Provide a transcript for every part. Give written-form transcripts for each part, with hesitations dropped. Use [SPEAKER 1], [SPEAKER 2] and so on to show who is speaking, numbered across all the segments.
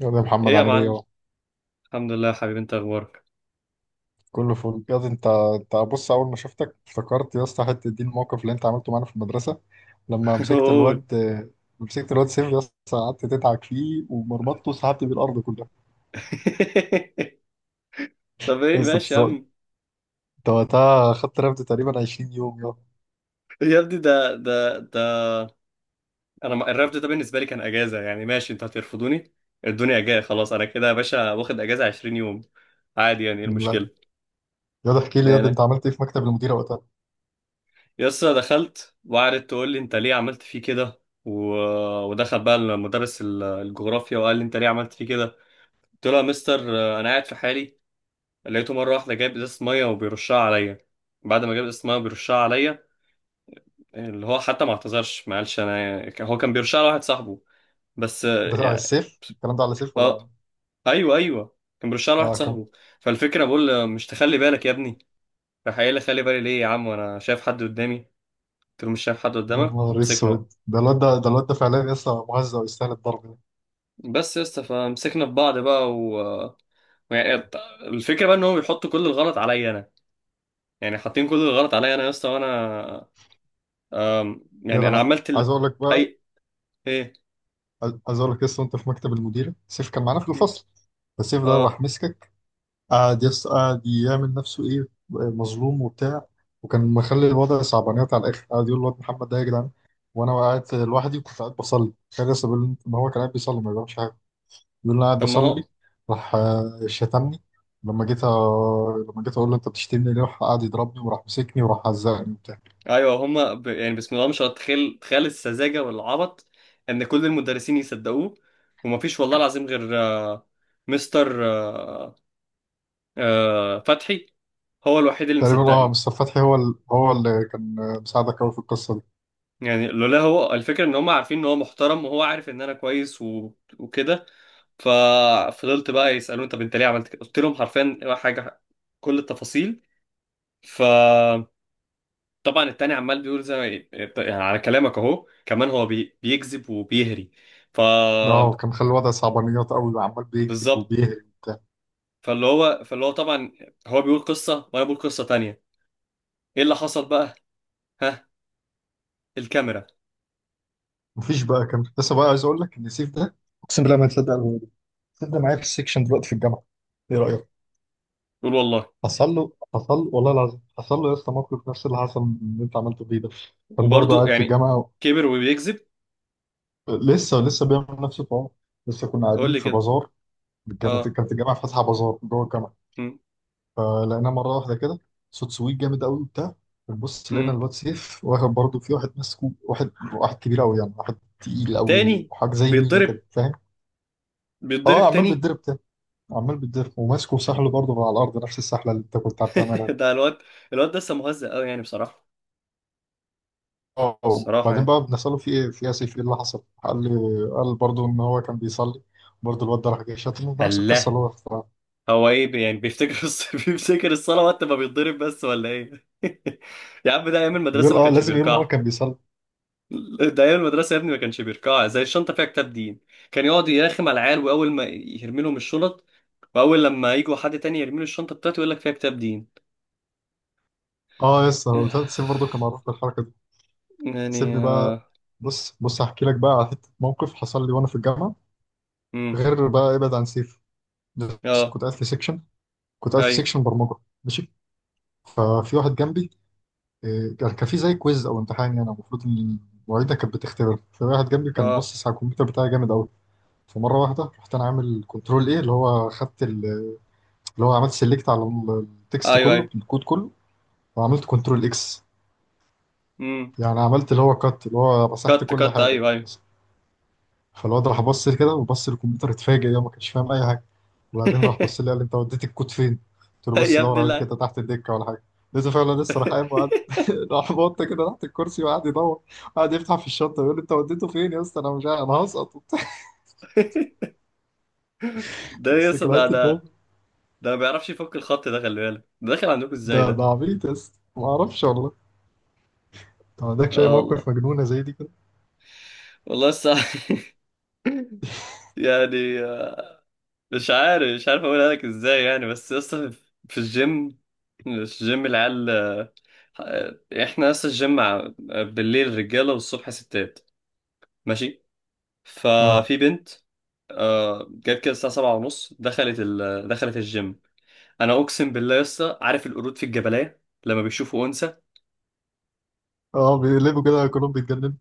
[SPEAKER 1] يا ده،
[SPEAKER 2] ايه
[SPEAKER 1] محمد
[SPEAKER 2] يا
[SPEAKER 1] عامل ايه
[SPEAKER 2] معلم.
[SPEAKER 1] اهو؟
[SPEAKER 2] الحمد لله يا حبيبي، انت اخبارك؟
[SPEAKER 1] كله فل يا ده. انت بص، اول ما شفتك افتكرت يا اسطى حته دي الموقف اللي انت عملته معانا في المدرسه لما
[SPEAKER 2] قول.
[SPEAKER 1] مسكت الواد سيف. يا اسطى قعدت تدعك فيه ومرمطته وسحبت بيه الارض كلها.
[SPEAKER 2] طب
[SPEAKER 1] يا
[SPEAKER 2] ايه،
[SPEAKER 1] اسطى انت
[SPEAKER 2] ماشي يا
[SPEAKER 1] سو-
[SPEAKER 2] عم.
[SPEAKER 1] انت وقتها خدت رفد تقريبا 20 يوم يا.
[SPEAKER 2] يا ابني ده انا الرفض ده بالنسبه لي كان اجازه، يعني ماشي، انتوا هترفضوني، الدنيا جايه خلاص، انا كده يا باشا واخد اجازه 20 يوم عادي، يعني ايه
[SPEAKER 1] من لا،
[SPEAKER 2] المشكله؟
[SPEAKER 1] يا ده احكي لي، يا ده
[SPEAKER 2] يعني
[SPEAKER 1] انت عملت ايه في مكتب المديره وقتها؟
[SPEAKER 2] يسطا دخلت وقعدت تقول لي انت ليه عملت فيه كده، و... ودخل بقى المدرس الجغرافيا وقال لي انت ليه عملت فيه كده. قلت له يا مستر، انا قاعد في حالي، لقيته مره واحده جايب ازازه ميه وبيرشها عليا، بعد ما جاب اسمها بيرشها عليا، اللي هو حتى ما اعتذرش، ما قالش انا هو كان بيرشها لواحد صاحبه. بس
[SPEAKER 1] ده على
[SPEAKER 2] يعني.
[SPEAKER 1] السيف الكلام ده على سيف ولا على
[SPEAKER 2] اه. ايوه، ايوه، كان بيرشها لواحد
[SPEAKER 1] اه كم؟
[SPEAKER 2] صاحبه. فالفكره بقول له مش تخلي بالك يا ابني، راح قايل لي خلي بالي ليه يا عم وانا شايف حد قدامي، قلت له مش شايف حد
[SPEAKER 1] يا
[SPEAKER 2] قدامك،
[SPEAKER 1] نهار
[SPEAKER 2] ومسكنا.
[SPEAKER 1] اسود، ده الواد ده ده الواد
[SPEAKER 2] و-
[SPEAKER 1] ده فعلا يا اسطى مهزأ ويستاهل الضرب ده.
[SPEAKER 2] بس يا اسطى، فمسكنا في بعض بقى ويعني الت- الفكره بقى ان هو بيحط كل الغلط عليا انا، يعني حاطين كل الغلط عليا انا يا اسطى، وانا
[SPEAKER 1] يا
[SPEAKER 2] يعني
[SPEAKER 1] ده
[SPEAKER 2] انا
[SPEAKER 1] انا
[SPEAKER 2] عملت
[SPEAKER 1] عايز اقول لك بقى،
[SPEAKER 2] اي، ايه،
[SPEAKER 1] عايز اقول لك لسه وانت في مكتب المديره سيف كان معانا في
[SPEAKER 2] م-
[SPEAKER 1] الفصل، فالسيف ده
[SPEAKER 2] اه.
[SPEAKER 1] راح مسكك. قعد يعمل نفسه ايه، مظلوم وبتاع، وكان مخلي الوضع صعبانيات على الاخر. قعد يقول الواد محمد ده يا جدعان وانا قاعد لوحدي وكنت قاعد بصلي. كان لسه بيقول ما هو كان قاعد بيصلي ما بيعملش حاجه، بيقول انا قاعد
[SPEAKER 2] طب ما هو.
[SPEAKER 1] بصلي. راح شتمني. لما جيت اقول له انت بتشتمني ليه راح قعد يضربني، وراح مسكني وراح عزقني وبتاع.
[SPEAKER 2] ايوه هما يعني، بسم الله ما شاء الله، تخيل تخيل السذاجه والعبط، ان كل المدرسين يصدقوه، ومفيش والله العظيم غير مستر فتحي، هو الوحيد اللي
[SPEAKER 1] تقريبا
[SPEAKER 2] مصدقني.
[SPEAKER 1] مستر فتحي هو هو اللي كان مساعدك قوي في القصه دي.
[SPEAKER 2] يعني لولا هو، الفكره ان هم عارفين ان هو محترم، وهو عارف ان انا كويس وكده. ففضلت بقى يسالوني طب انت ليه عملت كده، قلت لهم حرفيا حاجه، كل التفاصيل. ف طبعا التاني عمال بيقول زي ما، يعني على كلامك اهو كمان، هو بيكذب وبيهري. ف
[SPEAKER 1] اه كان مخلي الوضع صعبانيات قوي وعمال بيكتب
[SPEAKER 2] بالظبط.
[SPEAKER 1] وبيهري وبتاع.
[SPEAKER 2] فاللي هو طبعا هو بيقول قصة وانا بقول قصة تانية. ايه اللي حصل بقى؟ ها، الكاميرا.
[SPEAKER 1] مفيش بقى، كان لسه بقى عايز اقول لك ان سيف ده، اقسم بالله ما تصدق الولد ده. سيف ده معايا في السكشن دلوقتي في الجامعه، ايه رايك؟
[SPEAKER 2] قول والله.
[SPEAKER 1] حصل له، حصل له والله العظيم، حصل له يا اسطى موقف نفس اللي حصل من اللي انت عملته فيه ده. كان برضه
[SPEAKER 2] وبرضه
[SPEAKER 1] قاعد في
[SPEAKER 2] يعني
[SPEAKER 1] الجامعه،
[SPEAKER 2] كبر وبيكذب.
[SPEAKER 1] لسه بيعمل نفس الحوار. لسه كنا
[SPEAKER 2] قول
[SPEAKER 1] قاعدين
[SPEAKER 2] لي
[SPEAKER 1] في
[SPEAKER 2] كده.
[SPEAKER 1] بازار، كانت
[SPEAKER 2] اه.
[SPEAKER 1] كانت الجامعه فاتحه بازار جوه الجامعه.
[SPEAKER 2] مم.
[SPEAKER 1] فلقيناه مرة واحدة كده صوت سويت جامد قوي وبتاع، بنبص لقينا
[SPEAKER 2] مم.
[SPEAKER 1] الواد سيف واخد برضه في واحد، ماسكه واحد كبير قوي يعني، واحد تقيل قوي
[SPEAKER 2] تاني.
[SPEAKER 1] وحاجة زي مينا
[SPEAKER 2] بيتضرب.
[SPEAKER 1] كده، فاهم؟
[SPEAKER 2] بيتضرب
[SPEAKER 1] اه، عمال
[SPEAKER 2] تاني.
[SPEAKER 1] بيتضرب تاني، عمال بيتضرب وماسكه وسحله برضه من على الأرض، نفس السحلة اللي أنت كنت بتعملها.
[SPEAKER 2] ده الواد، الواد ده لسه مهزأ قوي، يعني بصراحة،
[SPEAKER 1] اه،
[SPEAKER 2] الصراحة
[SPEAKER 1] وبعدين
[SPEAKER 2] يعني.
[SPEAKER 1] بقى بنسأله في إيه في إيه يا سيف، إيه اللي حصل؟ قال لي، قال برضه إن هو كان بيصلي. برضه الواد ده راح جاي شاتمه نفس القصة
[SPEAKER 2] الله.
[SPEAKER 1] اللي هو اختارها.
[SPEAKER 2] هو ايه، يعني بيفتكر بيفتكر الصلاة وقت ما بيتضرب بس، ولا ايه؟ يا عم، ده ايام المدرسة
[SPEAKER 1] بيقول
[SPEAKER 2] ما كانش
[SPEAKER 1] لازم يقول إن هو
[SPEAKER 2] بيركعها.
[SPEAKER 1] كان بيصلي.
[SPEAKER 2] ده ايام المدرسه يا ابني، ما كانش بيركع زي الشنطه فيها كتاب دين، كان يقعد يرخم على العيال، واول ما يرمي لهم الشنط، واول لما يجوا حد تاني يرمي له الشنطه بتاعته، يقول لك فيها كتاب دين.
[SPEAKER 1] اه يس، هو
[SPEAKER 2] ياه.
[SPEAKER 1] سيف برضه كان معروف بالحركة.
[SPEAKER 2] يعني
[SPEAKER 1] سيبني بقى،
[SPEAKER 2] اه.
[SPEAKER 1] بص بص هحكي لك بقى على حته موقف حصل لي وانا في الجامعه،
[SPEAKER 2] امم
[SPEAKER 1] غير بقى ابعد عن سيف. بس
[SPEAKER 2] اه.
[SPEAKER 1] كنت قاعد في
[SPEAKER 2] ايوه.
[SPEAKER 1] سيكشن برمجه. ماشي، ففي واحد جنبي كان في زي كويز او امتحان، يعني المفروض ان المعيده كانت بتختبر. فواحد جنبي كان
[SPEAKER 2] اه،
[SPEAKER 1] باصص على الكمبيوتر بتاعي جامد قوي. فمره واحده رحت انا عامل كنترول ايه، اللي هو عملت سيلكت على التكست
[SPEAKER 2] ايوه،
[SPEAKER 1] كله،
[SPEAKER 2] ايوه.
[SPEAKER 1] الكود كله، وعملت كنترول اكس،
[SPEAKER 2] امم
[SPEAKER 1] يعني عملت اللي هو كات، اللي هو مسحت
[SPEAKER 2] كت،
[SPEAKER 1] كل
[SPEAKER 2] كت،
[SPEAKER 1] حاجه
[SPEAKER 2] ايوه، ايوه.
[SPEAKER 1] بس. فالواد راح بص لي كده وبص للكمبيوتر اتفاجئ، يا ما كانش فاهم اي حاجه. وبعدين راح بص لي قال لي انت وديت الكود فين؟ قلت له
[SPEAKER 2] يا
[SPEAKER 1] بص دور
[SPEAKER 2] ابني
[SPEAKER 1] عليه
[SPEAKER 2] لا.
[SPEAKER 1] كده تحت الدكه ولا حاجه. لقيته فعلا لسه راح قايم وقعد راح بط كده تحت الكرسي وقعد يدور، وقعد يفتح في الشنطه يقول لي انت وديته فين يا اسطى، انا مش عارف انا هسقط وبتاع.
[SPEAKER 2] ده
[SPEAKER 1] يا اسطى
[SPEAKER 2] يس،
[SPEAKER 1] كان
[SPEAKER 2] ده
[SPEAKER 1] حته موقف.
[SPEAKER 2] ده ده ما بيعرفش يفك الخط ده، خلي بالك ده داخل عندكم ازاي
[SPEAKER 1] ده
[SPEAKER 2] ده.
[SPEAKER 1] ده عبيط يا اسطى، ما اعرفش والله. انت ما عندكش اي
[SPEAKER 2] اه، والله،
[SPEAKER 1] موقف مجنونه زي دي كده؟
[SPEAKER 2] والله الصح. يعني، مش عارف اقولها لك ازاي، يعني بس اصلا في الجيم. مش جيم العيال، احنا اصلا الجيم بالليل رجاله، والصبح ستات، ماشي.
[SPEAKER 1] اه،
[SPEAKER 2] ففي بنت، جت كده الساعه 7:30، دخلت الجيم. انا اقسم بالله يا اسطى، عارف القرود في الجبلية لما بيشوفوا انثى؟
[SPEAKER 1] اه، بيقلبوا كده كلهم، بيتجننوا.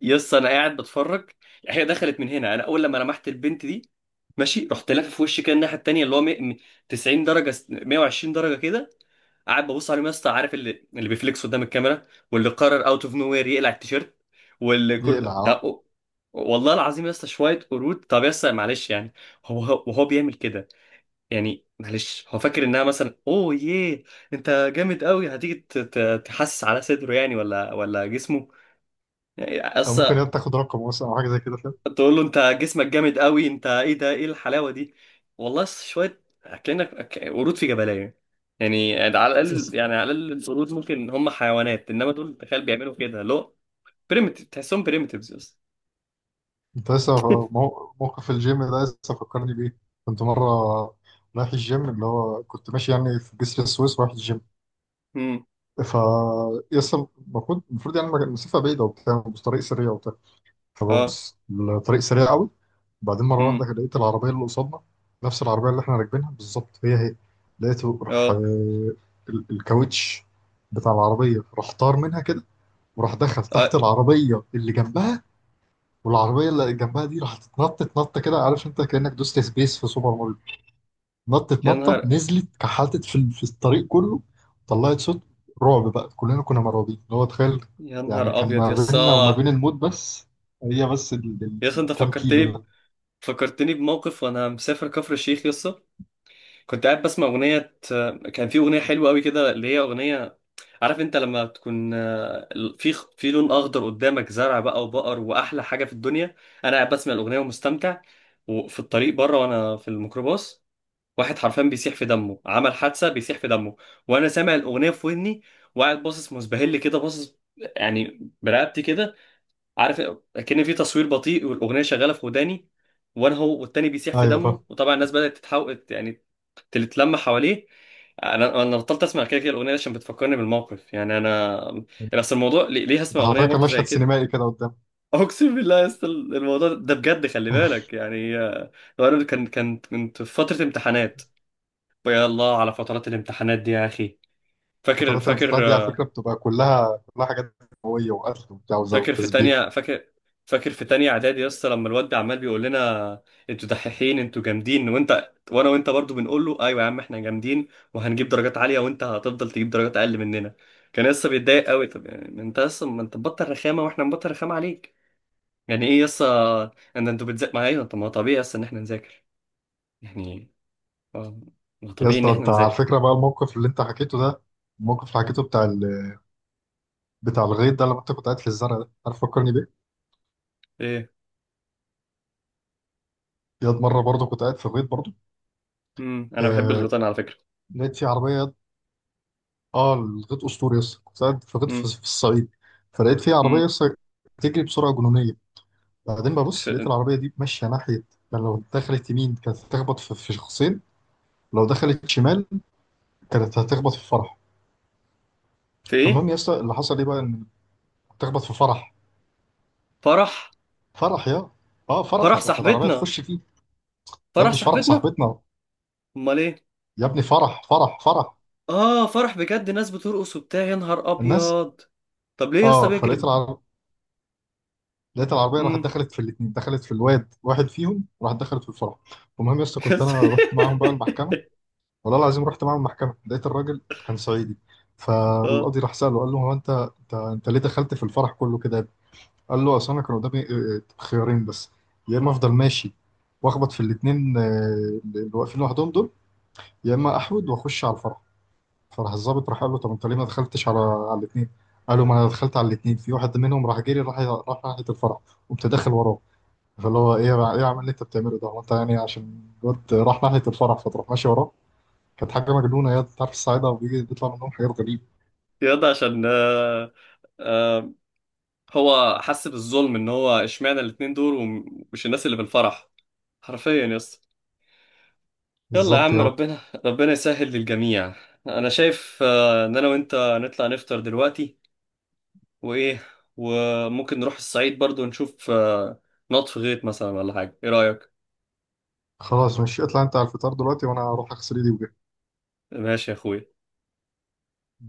[SPEAKER 2] يا اسطى انا قاعد بتفرج. هي دخلت من هنا، انا اول لما لمحت البنت دي، ماشي، رحت لافف في وشي كده الناحيه التانيه، اللي هو 100، 90 درجه، 120 درجه كده. قاعد ببص عليهم يا اسطى، عارف اللي بيفليكس قدام الكاميرا، واللي قرر اوت اوف نو وير يقلع التيشيرت، واللي
[SPEAKER 1] يقلع،
[SPEAKER 2] كل والله العظيم يا اسطى شويه قرود. طب يا اسطى معلش، يعني هو وهو بيعمل كده، يعني معلش، هو فاكر انها مثلا، اوه ياه، انت جامد قوي، هتيجي تحسس على صدره يعني، ولا جسمه يعني،
[SPEAKER 1] او ممكن
[SPEAKER 2] اصل
[SPEAKER 1] تاخد رقم مثلا او حاجه زي كده، فاهم؟
[SPEAKER 2] تقول له انت جسمك جامد قوي، انت ايه ده، ايه الحلاوه دي. والله شويه اكلنا، قرود في جبلايه، يعني،
[SPEAKER 1] بس
[SPEAKER 2] على الاقل القرود ممكن هم حيوانات، انما دول تخيل بيعملوا كده لو بريمتيف، تحسهم بريمتيفز بس.
[SPEAKER 1] انت لسه، موقف الجيم ده لسه فكرني بيه. كنت مره رايح الجيم، اللي هو كنت ماشي يعني في جسر السويس رايح الجيم.
[SPEAKER 2] امم
[SPEAKER 1] ف يسطا، المفروض، يعني المسافه بعيده وبتاع، بس طريق سريع وبتاع.
[SPEAKER 2] اه.
[SPEAKER 1] فببص الطريق سريع قوي. بعدين مره
[SPEAKER 2] امم
[SPEAKER 1] واحده لقيت العربيه اللي قصادنا نفس العربيه اللي احنا راكبينها بالظبط، هي هي. لقيته راح
[SPEAKER 2] اه،
[SPEAKER 1] الكاوتش بتاع العربيه راح طار منها كده، وراح دخل تحت
[SPEAKER 2] اه.
[SPEAKER 1] العربيه اللي جنبها. والعربيه اللي جنبها دي راحت اتنطت نطه كده، عارف انت كانك دوست سبيس في سوبر ماريو. نطت
[SPEAKER 2] يا
[SPEAKER 1] نطه
[SPEAKER 2] نهار
[SPEAKER 1] نزلت كحلتت في في الطريق كله. طلعت صوت رعب بقى، كلنا كنا مرعوبين، اللي هو تخيل،
[SPEAKER 2] يا
[SPEAKER 1] يعني
[SPEAKER 2] نهار
[SPEAKER 1] كان
[SPEAKER 2] ابيض
[SPEAKER 1] ما
[SPEAKER 2] يا
[SPEAKER 1] بيننا وما بين
[SPEAKER 2] اسطى.
[SPEAKER 1] الموت بس هي، بس
[SPEAKER 2] يا اسطى انت
[SPEAKER 1] كام
[SPEAKER 2] فكرتني
[SPEAKER 1] كيلو ده.
[SPEAKER 2] فكرتني بموقف وانا مسافر كفر الشيخ يا اسطى. كنت قاعد بسمع اغنيه، كان في اغنيه حلوه قوي كده، اللي هي اغنيه، عارف انت لما تكون، في في لون اخضر قدامك، زرع بقى وبقر، واحلى حاجه في الدنيا. انا قاعد بسمع الاغنيه ومستمتع، وفي الطريق بره وانا في الميكروباص، واحد حرفيا بيسيح في دمه، عمل حادثه، بيسيح في دمه، وانا سامع الاغنيه في ودني، وقاعد باصص مسبهل كده، باصص يعني برقبتي كده، عارف، كأن في تصوير بطيء والاغنيه شغاله في وداني، وانا هو والتاني بيسيح في
[SPEAKER 1] ايوه، فاهم.
[SPEAKER 2] دمه، وطبعا الناس بدات تتحول يعني، تتلم حواليه. انا بطلت اسمع، كده الاغنيه دي عشان بتفكرني بالموقف يعني انا، بس الموضوع، ليه هسمع اغنيه
[SPEAKER 1] حرفيا كان
[SPEAKER 2] برضو زي
[SPEAKER 1] مشهد
[SPEAKER 2] كده؟
[SPEAKER 1] سينمائي كده قدام.
[SPEAKER 2] اقسم بالله يا اسطى، الموضوع ده بجد خلي بالك، يعني لو انا كان كنت في فتره امتحانات. يا الله على فترات الامتحانات دي يا اخي. فاكر،
[SPEAKER 1] فترات
[SPEAKER 2] فاكر
[SPEAKER 1] الامتحانات دي على فكره بتبقى كلها، كلها حاجات قويه وقتل وبتاع
[SPEAKER 2] فاكر في
[SPEAKER 1] وتسبيح.
[SPEAKER 2] تانية، فاكر في تانية اعدادي يا اسطى لما الواد عمال بيقول لنا انتوا دحيحين، انتوا جامدين، وانت وانا، وانت برضو بنقول له ايوه يا عم احنا جامدين، وهنجيب درجات عالية، وانت هتفضل تجيب درجات اقل مننا. كان لسه بيتضايق قوي، طب يعني ما انت لسه، ما انت مبطل رخامة واحنا مبطل رخامة عليك، يعني ايه يسا؟ ان انتوا بتذاكر معايا، طب ما هو طبيعي يسا ان احنا نذاكر، يعني اه، ما هو
[SPEAKER 1] يا
[SPEAKER 2] طبيعي ان
[SPEAKER 1] اسطى
[SPEAKER 2] احنا
[SPEAKER 1] انت على
[SPEAKER 2] نذاكر.
[SPEAKER 1] فكره بقى، الموقف اللي حكيته بتاع، الغيط ده لما انت كنت قاعد في الزرع ده، عارف فكرني بيه؟
[SPEAKER 2] ايه.
[SPEAKER 1] ياد مرة برضه كنت قاعد في الغيط برضه.
[SPEAKER 2] امم. انا بحب
[SPEAKER 1] آه
[SPEAKER 2] الغيطان على فكرة.
[SPEAKER 1] لقيت في عربية ياد. اه، الغيط أسطوري يس. كنت قاعد في الغيط في،
[SPEAKER 2] امم.
[SPEAKER 1] الصعيد. فلقيت في عربية
[SPEAKER 2] امم.
[SPEAKER 1] يس، بتجري بسرعة جنونية. بعدين ببص لقيت
[SPEAKER 2] في...
[SPEAKER 1] العربية دي ماشية ناحية، يعني لو دخلت يمين كانت هتخبط في، شخصين. لو دخلت شمال كانت هتخبط في فرح.
[SPEAKER 2] في ايه؟
[SPEAKER 1] فالمهم يا اسطى اللي حصل ايه بقى؟ ان هتخبط في فرح.
[SPEAKER 2] فرح.
[SPEAKER 1] فرح يا، اه فرح
[SPEAKER 2] فرح
[SPEAKER 1] ده كانت عربية
[SPEAKER 2] صاحبتنا.
[SPEAKER 1] تخش فيه. يا
[SPEAKER 2] فرح
[SPEAKER 1] ابني مش فرح
[SPEAKER 2] صاحبتنا.
[SPEAKER 1] صاحبتنا.
[SPEAKER 2] امال ايه؟
[SPEAKER 1] يا ابني فرح، فرح، فرح،
[SPEAKER 2] اه، فرح بجد، ناس بترقص وبتاع، يا نهار
[SPEAKER 1] الناس.
[SPEAKER 2] ابيض. طب ليه يا اسطى
[SPEAKER 1] اه فلقيت
[SPEAKER 2] بيجري؟
[SPEAKER 1] العربية لقيت العربيه راحت
[SPEAKER 2] امم.
[SPEAKER 1] دخلت في الاثنين، دخلت في الواد واحد فيهم، راحت دخلت في الفرع. المهم يا اسطى كنت انا رحت معاهم بقى المحكمه. والله العظيم رحت معاهم المحكمه، لقيت الراجل كان صعيدي.
[SPEAKER 2] اه،
[SPEAKER 1] فالقاضي راح ساله، قال له هو انت، انت ليه دخلت في الفرح كله كده يا ابني؟ قال له اصل انا كان قدامي خيارين بس، يا اما افضل ماشي واخبط في الاثنين اللي واقفين لوحدهم دول، يا اما احود واخش على الفرح. فراح الضابط راح قال له طب انت ليه ما دخلتش على الاثنين؟ قال له ما انا دخلت على الاثنين، في واحد منهم راح جري، راح ناحيه الفرح، وقمت داخل وراه. فاللي هو ايه، ايه يا عم اللي انت بتعمله ده؟ هو انت يعني عشان الواد راح ناحيه الفرح فتروح ماشي وراه؟ كانت حاجه مجنونه يا، انت عارف الصعايده بيجي بيطلع منهم حاجات غريبه.
[SPEAKER 2] ياض عشان آه، هو حس بالظلم ان هو اشمعنى الاتنين دول ومش الناس اللي في الفرح، حرفيا يا اسطى. يلا يا
[SPEAKER 1] بالظبط
[SPEAKER 2] عم،
[SPEAKER 1] يا،
[SPEAKER 2] ربنا، ربنا يسهل للجميع. انا شايف ان انا وانت نطلع نفطر دلوقتي، وايه، وممكن نروح الصعيد برضو نشوف، نط في غيط مثلا ولا حاجه، ايه رايك؟
[SPEAKER 1] خلاص مش اطلع انت على الفطار دلوقتي وانا اروح اغسل ايدي وجهي.
[SPEAKER 2] ماشي يا اخويا.